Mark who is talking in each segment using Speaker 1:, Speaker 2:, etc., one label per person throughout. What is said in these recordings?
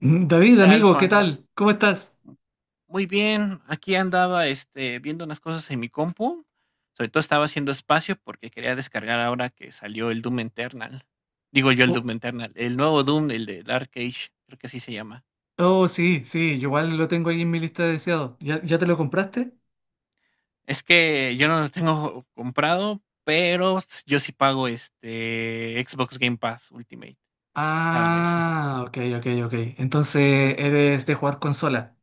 Speaker 1: David,
Speaker 2: Tal,
Speaker 1: amigo, ¿qué
Speaker 2: Juan?
Speaker 1: tal? ¿Cómo estás?
Speaker 2: Muy bien, aquí andaba viendo unas cosas en mi compu. Sobre todo estaba haciendo espacio porque quería descargar ahora que salió el Doom Eternal. Digo yo el
Speaker 1: Oh,
Speaker 2: Doom Eternal, el nuevo Doom, el de Dark Age, creo que así se llama.
Speaker 1: oh, sí, sí, yo igual lo tengo ahí en mi lista de deseados. ¿Ya te lo compraste?
Speaker 2: Es que yo no lo tengo comprado, pero yo sí pago este Xbox Game Pass Ultimate cada mes.
Speaker 1: Ah, ok, ok, ok. Entonces
Speaker 2: Entonces,
Speaker 1: eres de jugar consola.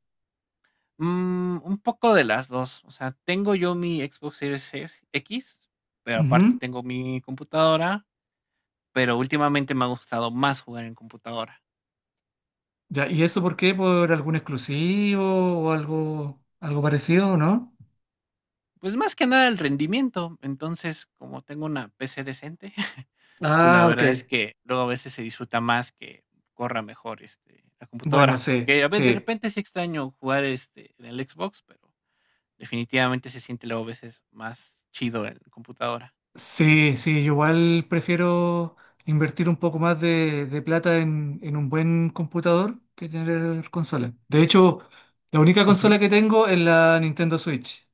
Speaker 2: un poco de las dos. O sea, tengo yo mi Xbox Series X, pero aparte
Speaker 1: Ujú.
Speaker 2: tengo mi computadora. Pero últimamente me ha gustado más jugar en computadora.
Speaker 1: Ya, ¿y eso por qué? ¿Por algún exclusivo o algo, algo parecido, no?
Speaker 2: Pues, más que nada el rendimiento. Entonces, como tengo una PC decente, pues, la
Speaker 1: Ah, ok.
Speaker 2: verdad es que luego a veces se disfruta más que corra mejor, la
Speaker 1: Bueno,
Speaker 2: computadora.
Speaker 1: sí,
Speaker 2: Que a veces de
Speaker 1: sí.
Speaker 2: repente sí extraño jugar, en el Xbox, pero definitivamente se siente luego a veces más chido en computadora.
Speaker 1: Sí, sí, yo igual prefiero invertir un poco más de plata en un buen computador que tener consola. De hecho, la única
Speaker 2: Ujú.
Speaker 1: consola que tengo es la Nintendo Switch.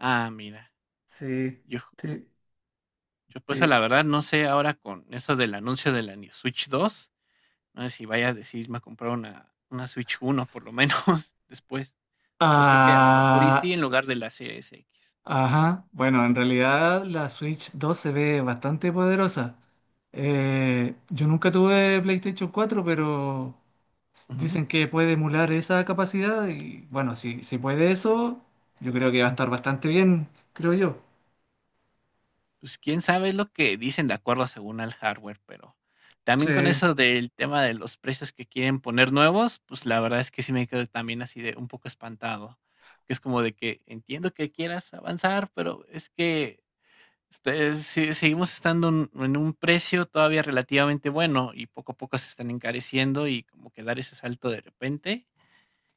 Speaker 2: Ah, mira,
Speaker 1: Sí,
Speaker 2: yo
Speaker 1: sí,
Speaker 2: yo, pues, la
Speaker 1: sí.
Speaker 2: verdad no sé ahora con eso del anuncio de la Ni Switch 2. No sé si vaya a decidirme a comprar una Switch 1 por lo menos después. Yo creo que a lo mejor y sí,
Speaker 1: Ah,
Speaker 2: en lugar de la Series X.
Speaker 1: ajá, bueno, en realidad la Switch 2 se ve bastante poderosa. Yo nunca tuve PlayStation 4, pero
Speaker 2: Ujú,
Speaker 1: dicen que puede emular esa capacidad y bueno, si puede eso, yo creo que va a
Speaker 2: ujú.
Speaker 1: estar bastante bien, creo yo.
Speaker 2: Pues, quién sabe, es lo que dicen de acuerdo según al hardware, pero también con
Speaker 1: Sí,
Speaker 2: eso del tema de los precios que quieren poner nuevos, pues, la verdad es que sí me quedo también así de un poco espantado, que es como de que entiendo que quieras avanzar, pero es que si seguimos estando en un precio todavía relativamente bueno y poco a poco se están encareciendo y como que dar ese salto de repente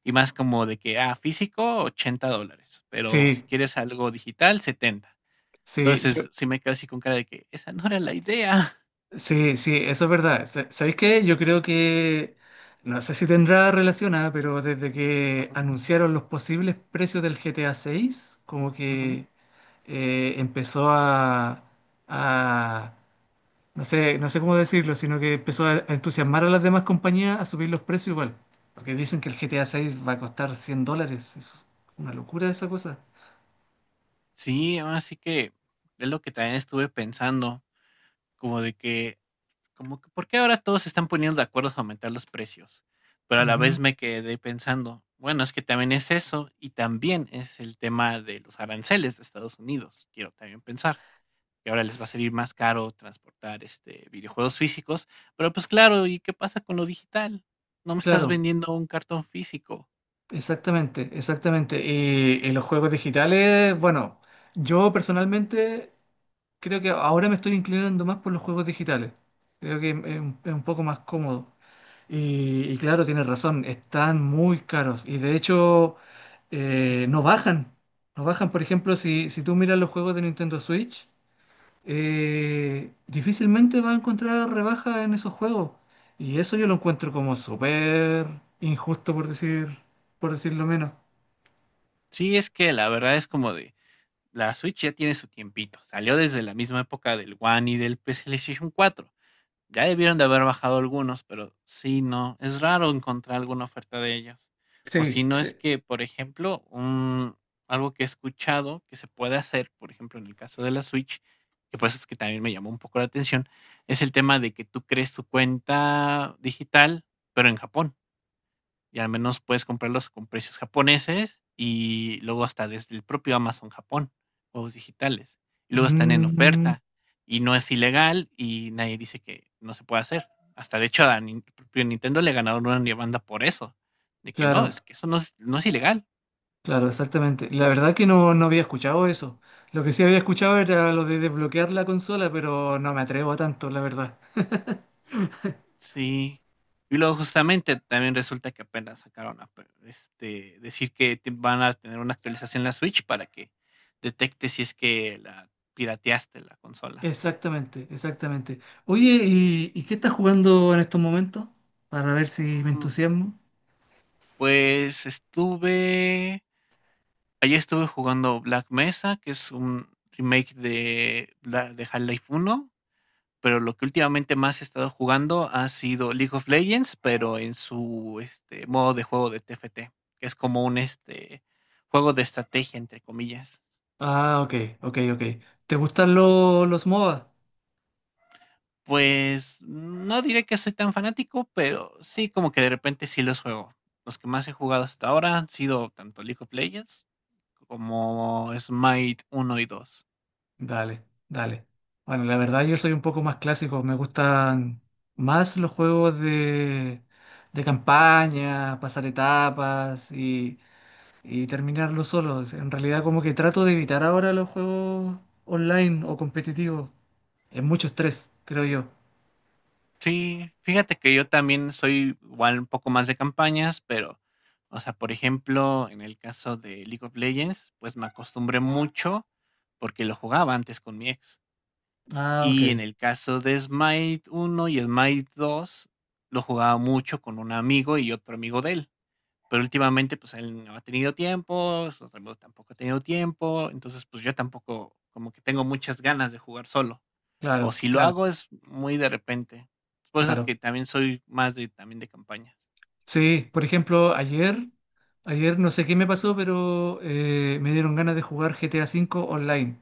Speaker 2: y más como de que, físico, $80, pero
Speaker 1: sí,
Speaker 2: si quieres algo digital, setenta.
Speaker 1: sí, yo,
Speaker 2: Entonces, sí me quedo así con cara de que esa no era la idea.
Speaker 1: sí, sí, eso es verdad. ¿Sabéis qué? Yo creo que, no sé si tendrá relacionada, pero desde que
Speaker 2: Ujú,
Speaker 1: anunciaron los posibles precios del GTA seis, como
Speaker 2: ujú.
Speaker 1: que... empezó a, a- no sé, no sé cómo decirlo, sino que empezó a entusiasmar a las demás compañías a subir los precios igual. Porque dicen que el GTA 6 va a costar 100 dólares. Es una locura esa cosa.
Speaker 2: Sí, así que es lo que también estuve pensando, como de que como que, ¿por qué ahora todos se están poniendo de acuerdo a aumentar los precios? Pero a la vez
Speaker 1: Ujú.
Speaker 2: me quedé pensando, bueno, es que también es eso y también es el tema de los aranceles de Estados Unidos. Quiero también pensar que ahora les va a salir
Speaker 1: S-
Speaker 2: más caro transportar videojuegos físicos, pero pues claro, ¿y qué pasa con lo digital? No me estás
Speaker 1: Claro,
Speaker 2: vendiendo un cartón físico.
Speaker 1: exactamente, exactamente. Y los juegos digitales, bueno, yo personalmente creo que ahora me estoy inclinando más por los juegos digitales. Creo que es un poco más cómodo. Y claro, tienes razón, están muy caros y de hecho
Speaker 2: Ujú.
Speaker 1: no bajan. No bajan, por ejemplo, si tú miras los juegos de Nintendo Switch, difícilmente vas a encontrar rebaja en esos juegos. Y eso yo lo encuentro como súper injusto, por decir, por decirlo menos.
Speaker 2: Sí, es que la verdad es como de la Switch ya tiene su tiempito. Salió desde la misma época del One y del PlayStation 4. Ya debieron de haber bajado algunos, pero sí, no, es raro encontrar alguna oferta de ellos. O si
Speaker 1: Sí,
Speaker 2: no es
Speaker 1: sí.
Speaker 2: que, por ejemplo, un, algo que he escuchado que se puede hacer, por ejemplo, en el caso de la Switch, que pues es que también me llamó un poco la atención, es el tema de que tú crees tu cuenta digital, pero en Japón. Y al menos puedes comprarlos con precios japoneses y luego hasta desde el propio Amazon Japón, juegos digitales. Y luego están en
Speaker 1: Mm,
Speaker 2: oferta y no es ilegal y nadie dice que no se puede hacer. Hasta de hecho a el propio Nintendo le ganaron una demanda por eso, de que no,
Speaker 1: claro,
Speaker 2: es que eso no es ilegal.
Speaker 1: claro, exactamente. La verdad que no, no había escuchado eso. Lo que sí había escuchado era lo de desbloquear la consola, pero no me atrevo a tanto, la verdad.
Speaker 2: Sí. Y luego justamente también resulta que apenas sacaron decir que van a tener una actualización en la Switch para que detecte si es que la pirateaste la consola.
Speaker 1: Exactamente, exactamente. Oye, y qué estás jugando en estos momentos? Para ver si me
Speaker 2: Mm,
Speaker 1: entusiasmo.
Speaker 2: Pues estuve ayer estuve jugando Black Mesa, que es un remake de Half-Life 1, pero lo que últimamente más he estado jugando ha sido League of Legends, pero en su modo de juego de TFT, que es como un juego de estrategia, entre comillas.
Speaker 1: Ah, ok, ok, ok. ¿Te gustan los MOBA?
Speaker 2: Pues no diré que soy tan fanático, pero sí como que de repente sí los juego. Los que más he jugado hasta ahora han sido tanto League of Legends como Smite 1 y 2.
Speaker 1: Dale, dale. Bueno, la verdad yo soy un poco más clásico, me gustan más los juegos de campaña, pasar etapas y terminarlos solos. En realidad como que trato de evitar ahora los juegos online o competitivos. Es mucho estrés, creo yo.
Speaker 2: Sí, fíjate que yo también soy igual un poco más de campañas, pero, o sea, por ejemplo, en el caso de League of Legends, pues me acostumbré mucho porque lo jugaba antes con mi ex.
Speaker 1: Ah, ok.
Speaker 2: Y en el caso de Smite 1 y Smite 2 lo jugaba mucho con un amigo y otro amigo de él. Pero últimamente, pues él no ha tenido tiempo, su otro amigo tampoco ha tenido tiempo, entonces, pues yo tampoco, como que tengo muchas ganas de jugar solo. O
Speaker 1: Claro,
Speaker 2: si lo
Speaker 1: claro,
Speaker 2: hago es muy de repente. Es por eso
Speaker 1: claro.
Speaker 2: que también soy más de también de campañas.
Speaker 1: Sí, por ejemplo, ayer, ayer no sé qué me pasó, pero me dieron ganas de jugar GTA V online.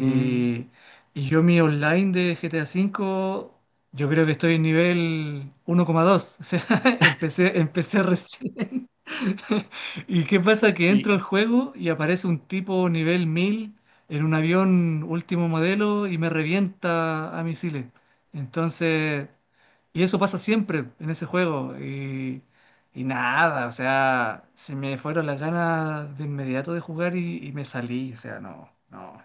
Speaker 2: Mm,
Speaker 1: y yo mi online de GTA V, yo creo que estoy en nivel 1,2. O sea, empecé, empecé recién. ¿Y qué pasa? Que entro al
Speaker 2: sí.
Speaker 1: juego y aparece un tipo nivel 1000 en un avión último modelo y me revienta a misiles. Entonces, y eso pasa siempre en ese juego. Y nada, o sea, se me fueron las ganas de inmediato de jugar y me salí. O sea, no, no.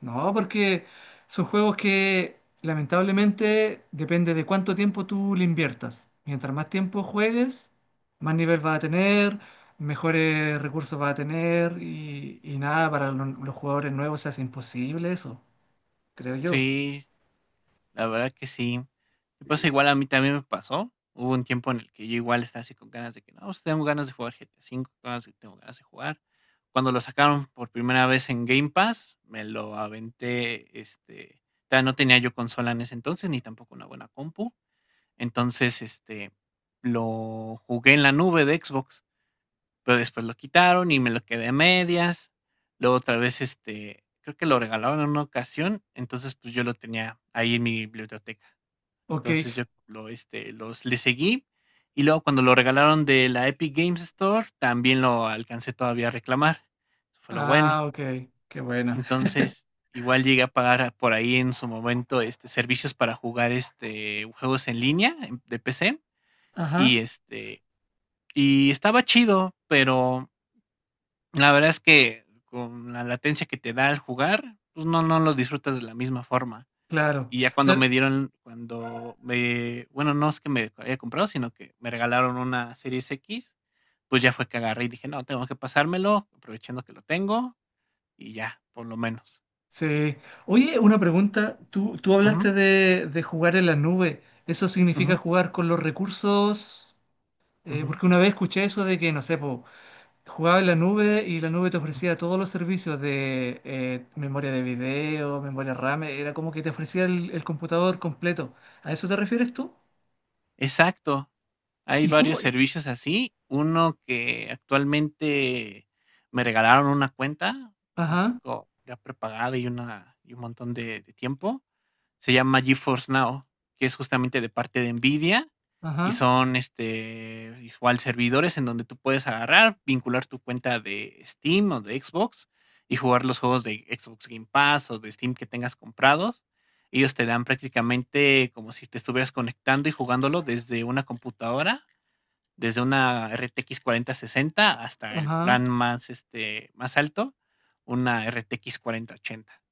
Speaker 1: No, porque son juegos que lamentablemente depende de cuánto tiempo tú le inviertas. Mientras más tiempo juegues, más nivel vas a tener, mejores recursos vas a tener y nada, para los jugadores nuevos se hace imposible eso, creo yo.
Speaker 2: Sí, la verdad que sí. Y pues igual a mí también me pasó. Hubo un tiempo en el que yo igual estaba así con ganas de que, no, pues, tengo ganas de jugar GTA V, tengo ganas de jugar. Cuando lo sacaron por primera vez en Game Pass, me lo aventé, todavía no tenía yo consola en ese entonces, ni tampoco una buena compu. Entonces, lo jugué en la nube de Xbox. Pero después lo quitaron y me lo quedé a medias. Luego otra vez, creo que lo regalaron en una ocasión, entonces pues yo lo tenía ahí en mi biblioteca.
Speaker 1: Ok,
Speaker 2: Entonces yo lo, este, los le seguí y luego cuando lo regalaron de la Epic Games Store, también lo alcancé todavía a reclamar. Eso fue lo bueno.
Speaker 1: ah, ok, qué buena.
Speaker 2: Entonces, igual llegué a pagar por ahí en su momento servicios para jugar juegos en línea de PC y
Speaker 1: Ajá,
Speaker 2: este, y estaba chido, pero la verdad es que con la latencia que te da al jugar, pues no lo disfrutas de la misma forma.
Speaker 1: claro,
Speaker 2: Y ya cuando
Speaker 1: claro,
Speaker 2: me dieron cuando me bueno, no es que me haya comprado, sino que me regalaron una Series X, pues ya fue que agarré y dije: "No, tengo que pasármelo, aprovechando que lo tengo", y ya, por lo menos.
Speaker 1: sí. Oye, una pregunta, tú
Speaker 2: Ujú,
Speaker 1: hablaste de jugar en la nube, ¿eso significa
Speaker 2: ujú,
Speaker 1: jugar con los recursos?
Speaker 2: ujú,
Speaker 1: Porque una vez escuché eso de que, no sé, po, jugaba en la
Speaker 2: ujú,
Speaker 1: nube y la nube te
Speaker 2: ujú.
Speaker 1: ofrecía todos los servicios de memoria de video, memoria RAM, era como que te ofrecía el computador completo. ¿A eso te refieres tú?
Speaker 2: Exacto. Hay
Speaker 1: ¿Y cómo?
Speaker 2: varios servicios así. Uno que actualmente me regalaron una cuenta, así
Speaker 1: Ajá,
Speaker 2: como ya prepagada y un montón de tiempo. Se llama GeForce Now, que es justamente de parte de Nvidia y
Speaker 1: ajá,
Speaker 2: son igual servidores en donde tú puedes agarrar, vincular tu cuenta de Steam o de Xbox y jugar los juegos de Xbox Game Pass o de Steam que tengas comprados. Ellos te dan prácticamente como si te estuvieras conectando y jugándolo desde una computadora desde una RTX 4060 hasta el
Speaker 1: ajá.
Speaker 2: plan más, más alto, una RTX 4080.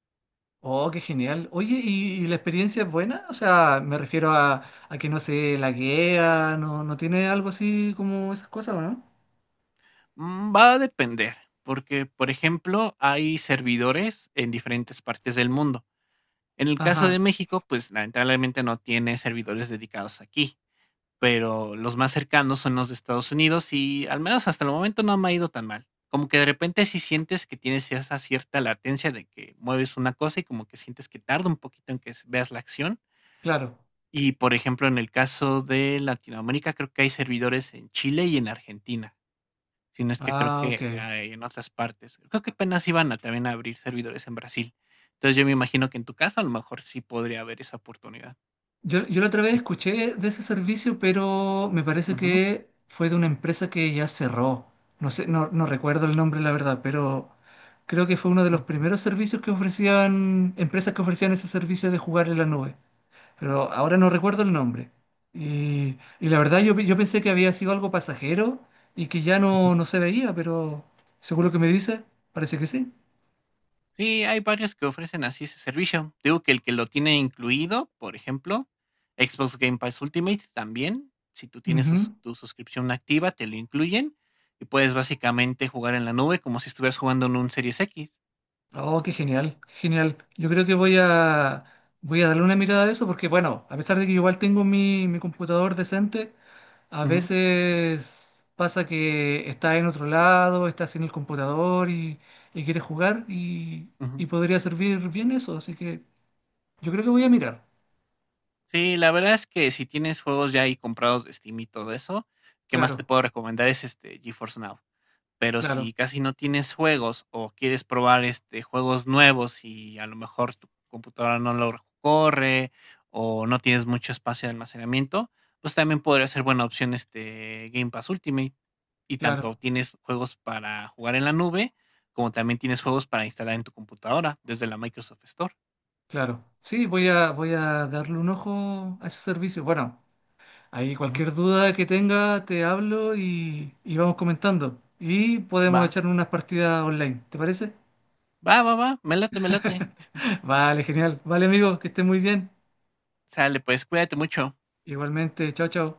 Speaker 1: Oh, qué genial. Oye, y la experiencia es buena? O sea, me refiero a que no se laguea, no, no tiene algo así como esas cosas, ¿o no?
Speaker 2: Va a depender, porque, por ejemplo, hay servidores en diferentes partes del mundo. En el caso de
Speaker 1: Ajá,
Speaker 2: México, pues lamentablemente no tiene servidores dedicados aquí, pero los más cercanos son los de Estados Unidos y al menos hasta el momento no me ha ido tan mal. Como que de repente si sientes que tienes esa cierta latencia de que mueves una cosa y como que sientes que tarda un poquito en que veas la acción.
Speaker 1: claro.
Speaker 2: Y, por ejemplo, en el caso de Latinoamérica, creo que hay servidores en Chile y en Argentina, si no es que creo
Speaker 1: Ah, ok.
Speaker 2: que, en otras partes. Creo que apenas iban a también abrir servidores en Brasil. Entonces, yo me imagino que en tu caso, a lo mejor sí podría haber esa oportunidad
Speaker 1: Yo la otra vez
Speaker 2: de.
Speaker 1: escuché de ese servicio, pero me parece
Speaker 2: Ujú,
Speaker 1: que fue de una empresa que ya cerró. No sé, no, no recuerdo el nombre, la verdad, pero creo que fue uno de los
Speaker 2: ujú,
Speaker 1: primeros servicios que ofrecían, empresas que ofrecían ese servicio de jugar en la nube. Pero ahora no recuerdo el nombre. Y la verdad yo, yo pensé que había sido algo pasajero y que ya
Speaker 2: ujú.
Speaker 1: no, no se veía, pero seguro que me dice, parece que sí.
Speaker 2: Sí, hay varios que ofrecen así ese servicio. Digo que el que lo tiene incluido, por ejemplo, Xbox Game Pass Ultimate también, si tú tienes
Speaker 1: Ujú.
Speaker 2: tu suscripción activa, te lo incluyen y puedes básicamente jugar en la nube como si estuvieras jugando en un Series X.
Speaker 1: Oh, qué genial, qué genial. Yo creo que voy a, voy a darle una mirada a eso porque, bueno, a pesar de que igual tengo mi, mi computador decente, a
Speaker 2: Ujú,
Speaker 1: veces pasa que está en otro lado, está sin el computador y quiere jugar
Speaker 2: ujú.
Speaker 1: y podría servir bien eso. Así que yo creo que voy a mirar.
Speaker 2: Sí, la verdad es que si tienes juegos ya ahí comprados de Steam y todo eso, ¿qué más
Speaker 1: Claro,
Speaker 2: te puedo recomendar? Es este GeForce Now. Pero
Speaker 1: claro,
Speaker 2: si casi no tienes juegos o quieres probar, juegos nuevos y a lo mejor tu computadora no lo corre o no tienes mucho espacio de almacenamiento, pues también podría ser buena opción, Game Pass Ultimate. Y tanto
Speaker 1: claro,
Speaker 2: tienes juegos para jugar en la nube, como también tienes juegos para instalar en tu computadora desde la Microsoft Store.
Speaker 1: claro. Sí, voy a, voy a darle un ojo a ese servicio. Bueno. Ahí
Speaker 2: Ujú.
Speaker 1: cualquier duda que tenga, te hablo y vamos comentando. Y podemos
Speaker 2: Va,
Speaker 1: echar unas partidas online, ¿te parece?
Speaker 2: va, va, va, me late, me late.
Speaker 1: Vale, genial. Vale, amigo, que estés muy bien.
Speaker 2: Sale, pues cuídate mucho.
Speaker 1: Igualmente, chao, chao.